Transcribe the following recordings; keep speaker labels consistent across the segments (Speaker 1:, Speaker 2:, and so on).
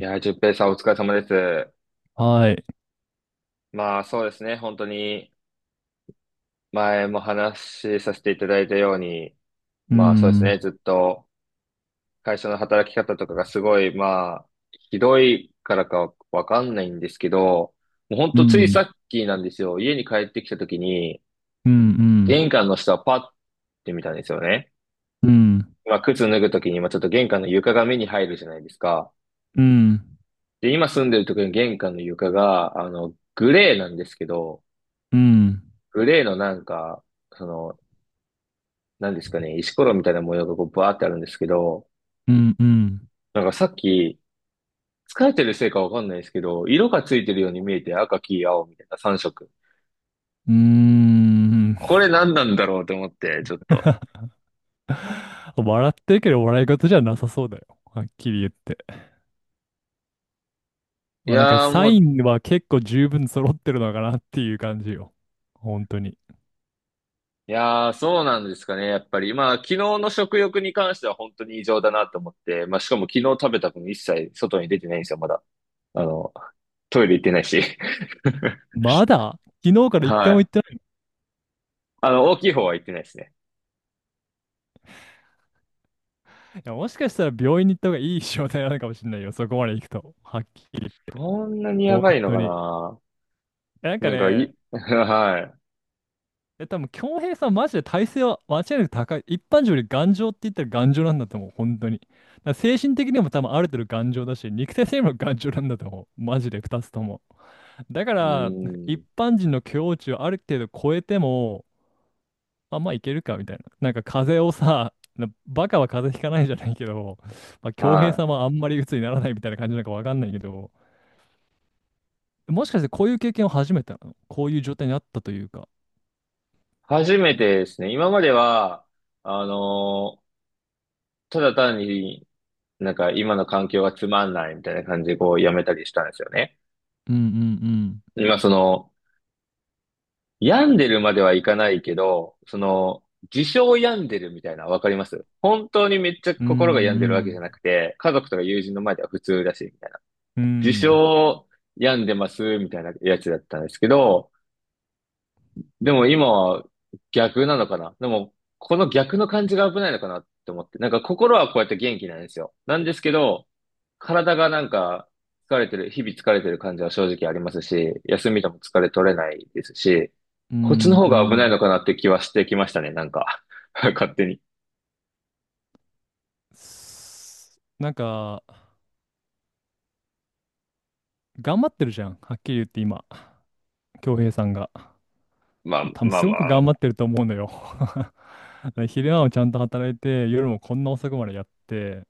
Speaker 1: いやー、淳平さんお疲れ様です。
Speaker 2: はい。
Speaker 1: そうですね、本当に前も話しさせていただいたように、
Speaker 2: う
Speaker 1: そうですね、
Speaker 2: ん、
Speaker 1: ずっと会社の働き方とかがすごい、ひどいからかわかんないんですけど、もう本
Speaker 2: う
Speaker 1: 当ついさ
Speaker 2: ん、
Speaker 1: っきなんですよ、家に帰ってきた時に、
Speaker 2: うん、うん、
Speaker 1: 玄関の下をパッて見たんですよね。
Speaker 2: うん、うん、
Speaker 1: 靴脱ぐ時に、ちょっと玄関の床が目に入るじゃないですか。
Speaker 2: うん、
Speaker 1: で、今住んでる時の玄関の床が、グレーなんですけど、
Speaker 2: うん、
Speaker 1: グレーのなんか、その、なんですかね、石ころみたいな模様がこうバーってあるんですけど、
Speaker 2: うん
Speaker 1: なんかさっき、疲れてるせいかわかんないですけど、色がついてるように見えて赤、黄、青みたいな3色。
Speaker 2: うーん。
Speaker 1: これ何なんだろうと思って、ちょっと。
Speaker 2: 笑ってるけど笑い事じゃなさそうだよ。はっきり言って。
Speaker 1: い
Speaker 2: まあなんか
Speaker 1: やー
Speaker 2: サ
Speaker 1: も
Speaker 2: イ
Speaker 1: う、
Speaker 2: ンは結構十分揃ってるのかなっていう感じよ。本当に。
Speaker 1: いやーそうなんですかね、やっぱり。まあ、昨日の食欲に関しては本当に異常だなと思って、まあ、しかも昨日食べた分一切外に出てないんですよ、まだ。あの、トイレ行ってないし。
Speaker 2: まだ昨日か ら一
Speaker 1: は
Speaker 2: 回も
Speaker 1: い。
Speaker 2: 行ってない。
Speaker 1: あの、大きい方は行ってないですね。
Speaker 2: いや、もしかしたら病院に行った方がいい状態なのかもしれないよ。そこまで行くと。はっきり。
Speaker 1: そんなにや
Speaker 2: 本
Speaker 1: ばいの
Speaker 2: 当
Speaker 1: か
Speaker 2: に。
Speaker 1: な。
Speaker 2: なんか
Speaker 1: なんか
Speaker 2: ね、
Speaker 1: い、はい。
Speaker 2: 多分、強平さん、マジで体勢は間違いなく高い。一般人より頑丈って言ったら頑丈なんだと思う、本当に。だから精神的にも多分ある程度頑丈だし、肉体性にも頑丈なんだと思う。マジで2つとも。だか
Speaker 1: う
Speaker 2: ら、なんか
Speaker 1: ー
Speaker 2: 一
Speaker 1: ん。
Speaker 2: 般人の境地をある程度超えても、あ、まあいけるかみたいな。なんか風邪をさ、なバカは風邪ひかないじゃないけど、まあ、京平さ
Speaker 1: は
Speaker 2: ん
Speaker 1: い。
Speaker 2: はあんまり鬱にならないみたいな感じなんかわかんないけど、もしかしてこういう経験を初めてなのこういう状態にあったというか。
Speaker 1: 初めてですね。今までは、あのーただ単に、なんか今の環境がつまんないみたいな感じでこうやめたりしたんですよね。
Speaker 2: うんうんうん。
Speaker 1: 今その、病んでるまではいかないけど、その、自称病んでるみたいな、わかります、本当にめっちゃ
Speaker 2: うんう
Speaker 1: 心が病んでるわけじゃな
Speaker 2: ん。
Speaker 1: くて、家族とか友人の前では普通だし、みたいな。
Speaker 2: う
Speaker 1: 自
Speaker 2: ん、
Speaker 1: 称病んでますみたいなやつだったんですけど、でも今は逆なのかな。でも、この逆の感じが危ないのかなって思って。なんか心はこうやって元気なんですよ。なんですけど、体がなんか疲れてる、日々疲れてる感じは正直ありますし、休みでも疲れ取れないですし、
Speaker 2: うん、う
Speaker 1: こっちの方が危ない
Speaker 2: ん。
Speaker 1: のかなって気はしてきましたね、なんか。勝手に。
Speaker 2: すなんか、頑張ってるじゃん。はっきり言って今、恭平さんが。
Speaker 1: まあ
Speaker 2: 多分
Speaker 1: まあ
Speaker 2: すご
Speaker 1: ま
Speaker 2: く頑
Speaker 1: あ。
Speaker 2: 張ってると思うのよ。昼間もちゃんと働いて、夜もこんな遅くまでやって、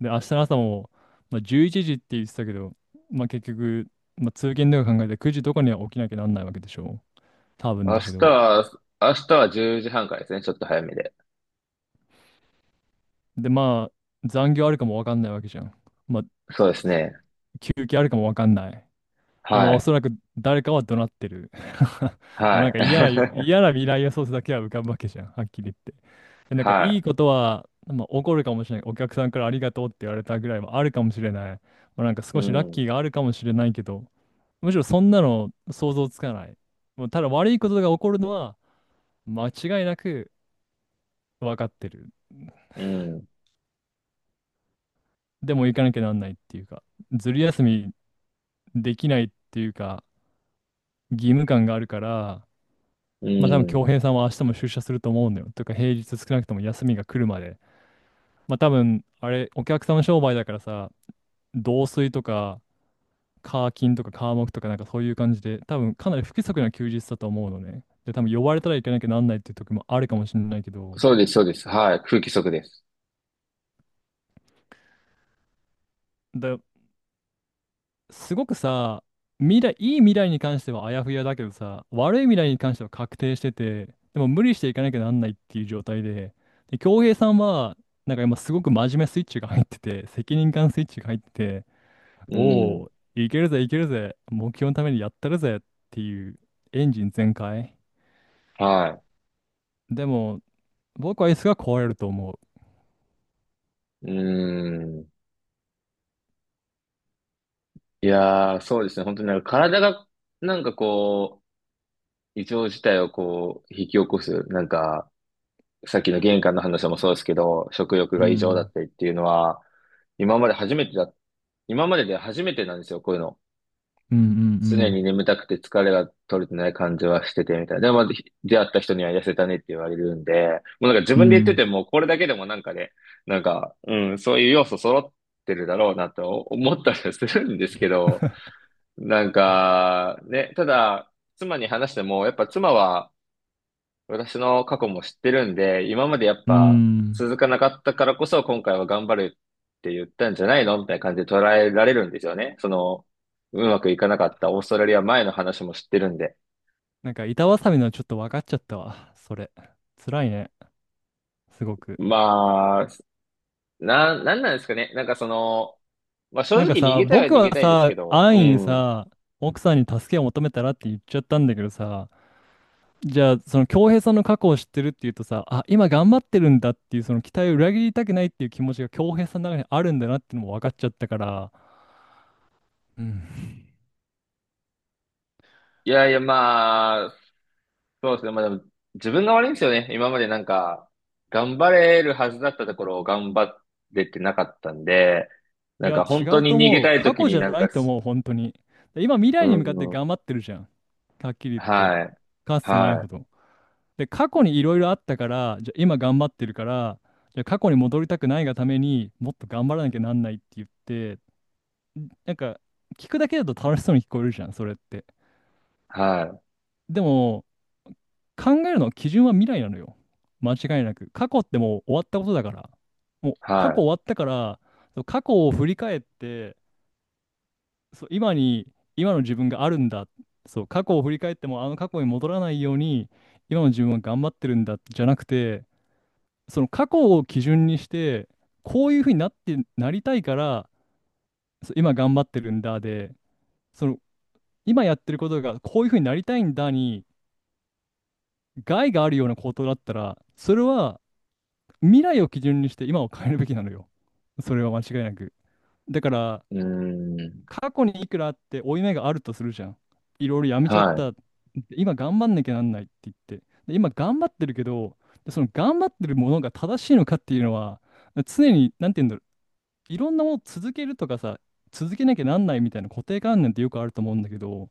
Speaker 2: で、明日の朝も、まあ、11時って言ってたけど、まあ、結局、まあ、通勤とか考えて9時とかには起きなきゃなんないわけでしょ。多分
Speaker 1: 明
Speaker 2: だけ
Speaker 1: 日
Speaker 2: ど。
Speaker 1: は、明日は10時半からですね、ちょっと早めで。
Speaker 2: で、まあ、残業あるかもわかんないわけじゃん。まあ、
Speaker 1: そうですね。
Speaker 2: 休憩あるかもわかんない。で、まあ、
Speaker 1: は
Speaker 2: お
Speaker 1: い。
Speaker 2: そらく誰かは怒鳴ってる。もう
Speaker 1: は
Speaker 2: なんか嫌な、
Speaker 1: い。
Speaker 2: 嫌な未来予想図だけは浮かぶわけじゃん、はっきり言って。で、なん かい
Speaker 1: は
Speaker 2: いことは、まあ、起こるかもしれない。お客さんからありがとうって言われたぐらいはあるかもしれない。まあ、なんか
Speaker 1: い。う
Speaker 2: 少しラッ
Speaker 1: ん。
Speaker 2: キーがあるかもしれないけど、むしろそんなの想像つかない。もうただ悪いことが起こるのは間違いなく分かってる。
Speaker 1: うん。
Speaker 2: でも行かなきゃなんないっていうか、ずる休みできないっていうか、義務感があるから、
Speaker 1: う
Speaker 2: まあ多分
Speaker 1: ん。
Speaker 2: 京平さんは明日も出社すると思うんだよ。というか平日少なくとも休みが来るまで。まあ多分、あれ、お客さんの商売だからさ、同水とか、カーキとか、カーモクとかなんかそういう感じで、多分かなり不規則な休日だと思うのね。で、多分呼ばれたらいけなきゃなんないっていう時もあるかもしれないけど、
Speaker 1: そうです、そうです。はい。空気不足です。
Speaker 2: だすごくさ、未来、いい未来に関してはあやふやだけどさ、悪い未来に関しては確定してて、でも無理していかなきゃなんないっていう状態で、で、恭平さんは、なんか今すごく真面目スイッチが入ってて、責任感スイッチが入ってて、
Speaker 1: う
Speaker 2: お
Speaker 1: ん。
Speaker 2: お、いけるぜいけるぜ、目標のためにやったるぜっていうエンジン全開。
Speaker 1: は
Speaker 2: でも、僕は椅子が壊れると思う。
Speaker 1: い。うん。いやー、そうですね。本当になんか体が、なんかこう、異常事態をこう、引き起こす。なんか、さっきの玄関の話もそうですけど、食欲
Speaker 2: う
Speaker 1: が異常だっ
Speaker 2: ん、
Speaker 1: たりっていうのは、今まで初めてだ、今までで初めてなんですよ、こういうの。
Speaker 2: うんう
Speaker 1: 常
Speaker 2: ん
Speaker 1: に眠たくて疲れが取れてない感じはしててみたいな。でも、まあひ出会った人には痩せたねって言われるんで、もうなんか自
Speaker 2: うん、う
Speaker 1: 分で言って
Speaker 2: ん、
Speaker 1: ても、これだけでもなんかね、なんか、うん、そういう要素揃ってるだろうなと思ったりはするんですけど、なんか、ね、ただ、妻に話しても、やっぱ妻は、私の過去も知ってるんで、今までやっ
Speaker 2: う
Speaker 1: ぱ
Speaker 2: ん。
Speaker 1: 続かなかったからこそ今回は頑張るって言ったんじゃないのみたいな感じで捉えられるんですよね。その、うまくいかなかったオーストラリア前の話も知ってるんで。
Speaker 2: なんか板挟みのちょっと分かっちゃったわ、それ。辛いね。すごく。
Speaker 1: まあ、な、なんなんですかね。なんかその、まあ正
Speaker 2: なんか
Speaker 1: 直逃
Speaker 2: さ、
Speaker 1: げたいは
Speaker 2: 僕
Speaker 1: 逃げ
Speaker 2: は
Speaker 1: たいですけ
Speaker 2: さ、
Speaker 1: ど、う
Speaker 2: 安易に
Speaker 1: ん。
Speaker 2: さ、奥さんに助けを求めたらって言っちゃったんだけどさ、じゃあ、その恭平さんの過去を知ってるっていうとさ、あ、今頑張ってるんだっていう、その期待を裏切りたくないっていう気持ちが恭平さんの中にあるんだなっていうのも分かっちゃったから、うん。
Speaker 1: いやいやまあ、そうですね。まあでも、自分が悪いんですよね。今までなんか、頑張れるはずだったところを頑張れてなかったんで、
Speaker 2: い
Speaker 1: なん
Speaker 2: や、
Speaker 1: か
Speaker 2: 違
Speaker 1: 本当
Speaker 2: う
Speaker 1: に
Speaker 2: と
Speaker 1: 逃げ
Speaker 2: 思う。
Speaker 1: たい
Speaker 2: 過
Speaker 1: 時
Speaker 2: 去
Speaker 1: に
Speaker 2: じゃ
Speaker 1: なん
Speaker 2: な
Speaker 1: か、
Speaker 2: いと思う、本当に。で今、未
Speaker 1: う
Speaker 2: 来に向かって
Speaker 1: ん、
Speaker 2: 頑張ってるじゃん。はっきり言って。
Speaker 1: はい、
Speaker 2: かつてない
Speaker 1: は
Speaker 2: ほ
Speaker 1: い、
Speaker 2: ど。で、過去にいろいろあったから、じゃあ今頑張ってるから、じゃあ過去に戻りたくないがためにもっと頑張らなきゃなんないって言って、なんか聞くだけだと楽しそうに聞こえるじゃん、それって。
Speaker 1: はい、
Speaker 2: でも、考えるの基準は未来なのよ。間違いなく。過去ってもう終わったことだから。もう過去
Speaker 1: は
Speaker 2: 終わったから、そう過去を振り返って、そう、今に、今の自分があるんだ。そう、過去を振り返ってもあの過去に戻らないように、今の自分は頑張ってるんだじゃなくて、その過去を基準にして、こういうふうになって、なりたいから、そう今頑張ってるんだで、その今やってることがこういうふうになりたいんだに害があるようなことだったら、それは未来を基準にして今を変えるべきなのよ。それは間違いなく。だから、
Speaker 1: い、うん、
Speaker 2: 過去にいくらあって負い目があるとするじゃん。いろいろやめちゃっ
Speaker 1: は
Speaker 2: た。今頑張んなきゃなんないって言って。で、今頑張ってるけど、でその頑張ってるものが正しいのかっていうのは、常に、なんて言うんだろいろんなものを続けるとかさ、続けなきゃなんないみたいな固定観念ってよくあると思うんだけど、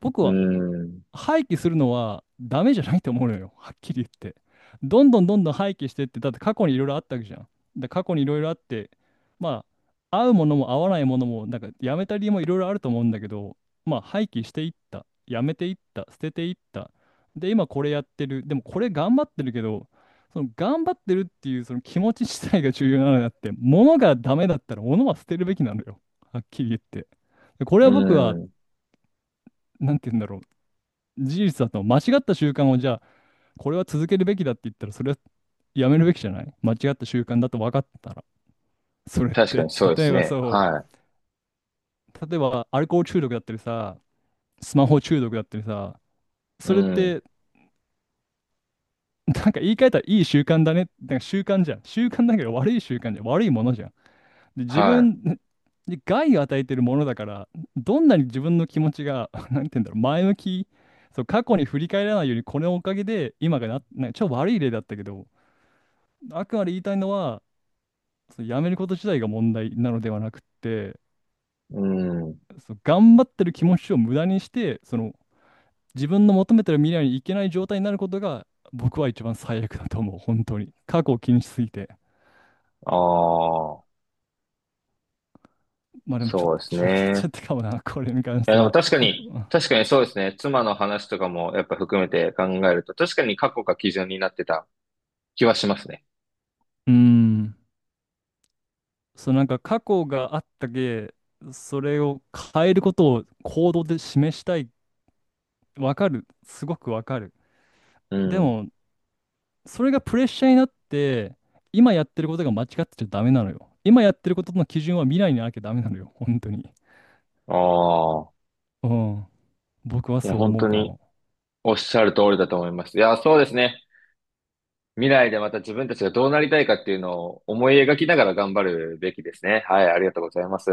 Speaker 2: 僕
Speaker 1: い、う
Speaker 2: は
Speaker 1: ん、
Speaker 2: 廃棄するのはダメじゃないと思うのよ。はっきり言って。どんどんどんどん廃棄してって、だって過去にいろいろあったわけじゃん。で、過去にいろいろあって、まあ、合うものも合わないものも、なんかやめた理由もいろいろあると思うんだけど、まあ、廃棄していった。やめていった。捨てていった。で、今これやってる。でもこれ頑張ってるけど、その頑張ってるっていうその気持ち自体が重要なのであって、物がダメだったら物は捨てるべきなのよ。はっきり言って。でこれ
Speaker 1: う
Speaker 2: は僕は、
Speaker 1: ん、
Speaker 2: なんて言うんだろう。事実だと間違った習慣をじゃあこれは続けるべきだって言ったら、それはやめるべきじゃない、間違った習慣だと分かったら、それっ
Speaker 1: 確か
Speaker 2: て、
Speaker 1: にそうで
Speaker 2: 例
Speaker 1: す
Speaker 2: えば、
Speaker 1: ね。
Speaker 2: そ
Speaker 1: は
Speaker 2: う、例えばアルコール中毒だったりさ、スマホ中毒だったりさ、
Speaker 1: い、う
Speaker 2: それっ
Speaker 1: ん、
Speaker 2: てなんか言い換えたらいい習慣だね、なんか習慣じゃん、習慣だけど悪い習慣じゃん、悪いものじゃん。で自
Speaker 1: は
Speaker 2: 分に害を与えてるものだから、どんなに自分の気持ちが なんて言うんだろう前向き、そう過去に振り返らないようにこのおかげで今がな、なんか超悪い例だったけど、あくまで言いたいのは、その辞めること自体が問題なのではなくって、
Speaker 1: い、うん、
Speaker 2: その頑張ってる気持ちを無駄にして、その自分の求めてる未来に行けない状態になることが、僕は一番最悪だと思う、本当に。過去を気にしすぎて。
Speaker 1: ああ、
Speaker 2: まあでもちょっ
Speaker 1: そう
Speaker 2: と
Speaker 1: です
Speaker 2: 散らかっ
Speaker 1: ね。
Speaker 2: ちゃったかもな、これに関し
Speaker 1: や、
Speaker 2: て
Speaker 1: でも
Speaker 2: は。
Speaker 1: 確かに、確かにそうですね。妻の話とかもやっぱ含めて考えると、確かに過去が基準になってた気はしますね。
Speaker 2: うん。そう、なんか過去があったけ、それを変えることを行動で示したい。わかる。すごくわかる。
Speaker 1: う
Speaker 2: で
Speaker 1: ん。
Speaker 2: も、それがプレッシャーになって、今やってることが間違ってちゃダメなのよ。今やってることの基準は未来になきゃダメなのよ、本当に。
Speaker 1: ああ。
Speaker 2: うん。僕は
Speaker 1: いや、
Speaker 2: そう
Speaker 1: 本
Speaker 2: 思う
Speaker 1: 当
Speaker 2: か
Speaker 1: に
Speaker 2: も。
Speaker 1: おっしゃる通りだと思います。いや、そうですね。未来でまた自分たちがどうなりたいかっていうのを思い描きながら頑張るべきですね。はい、ありがとうございます。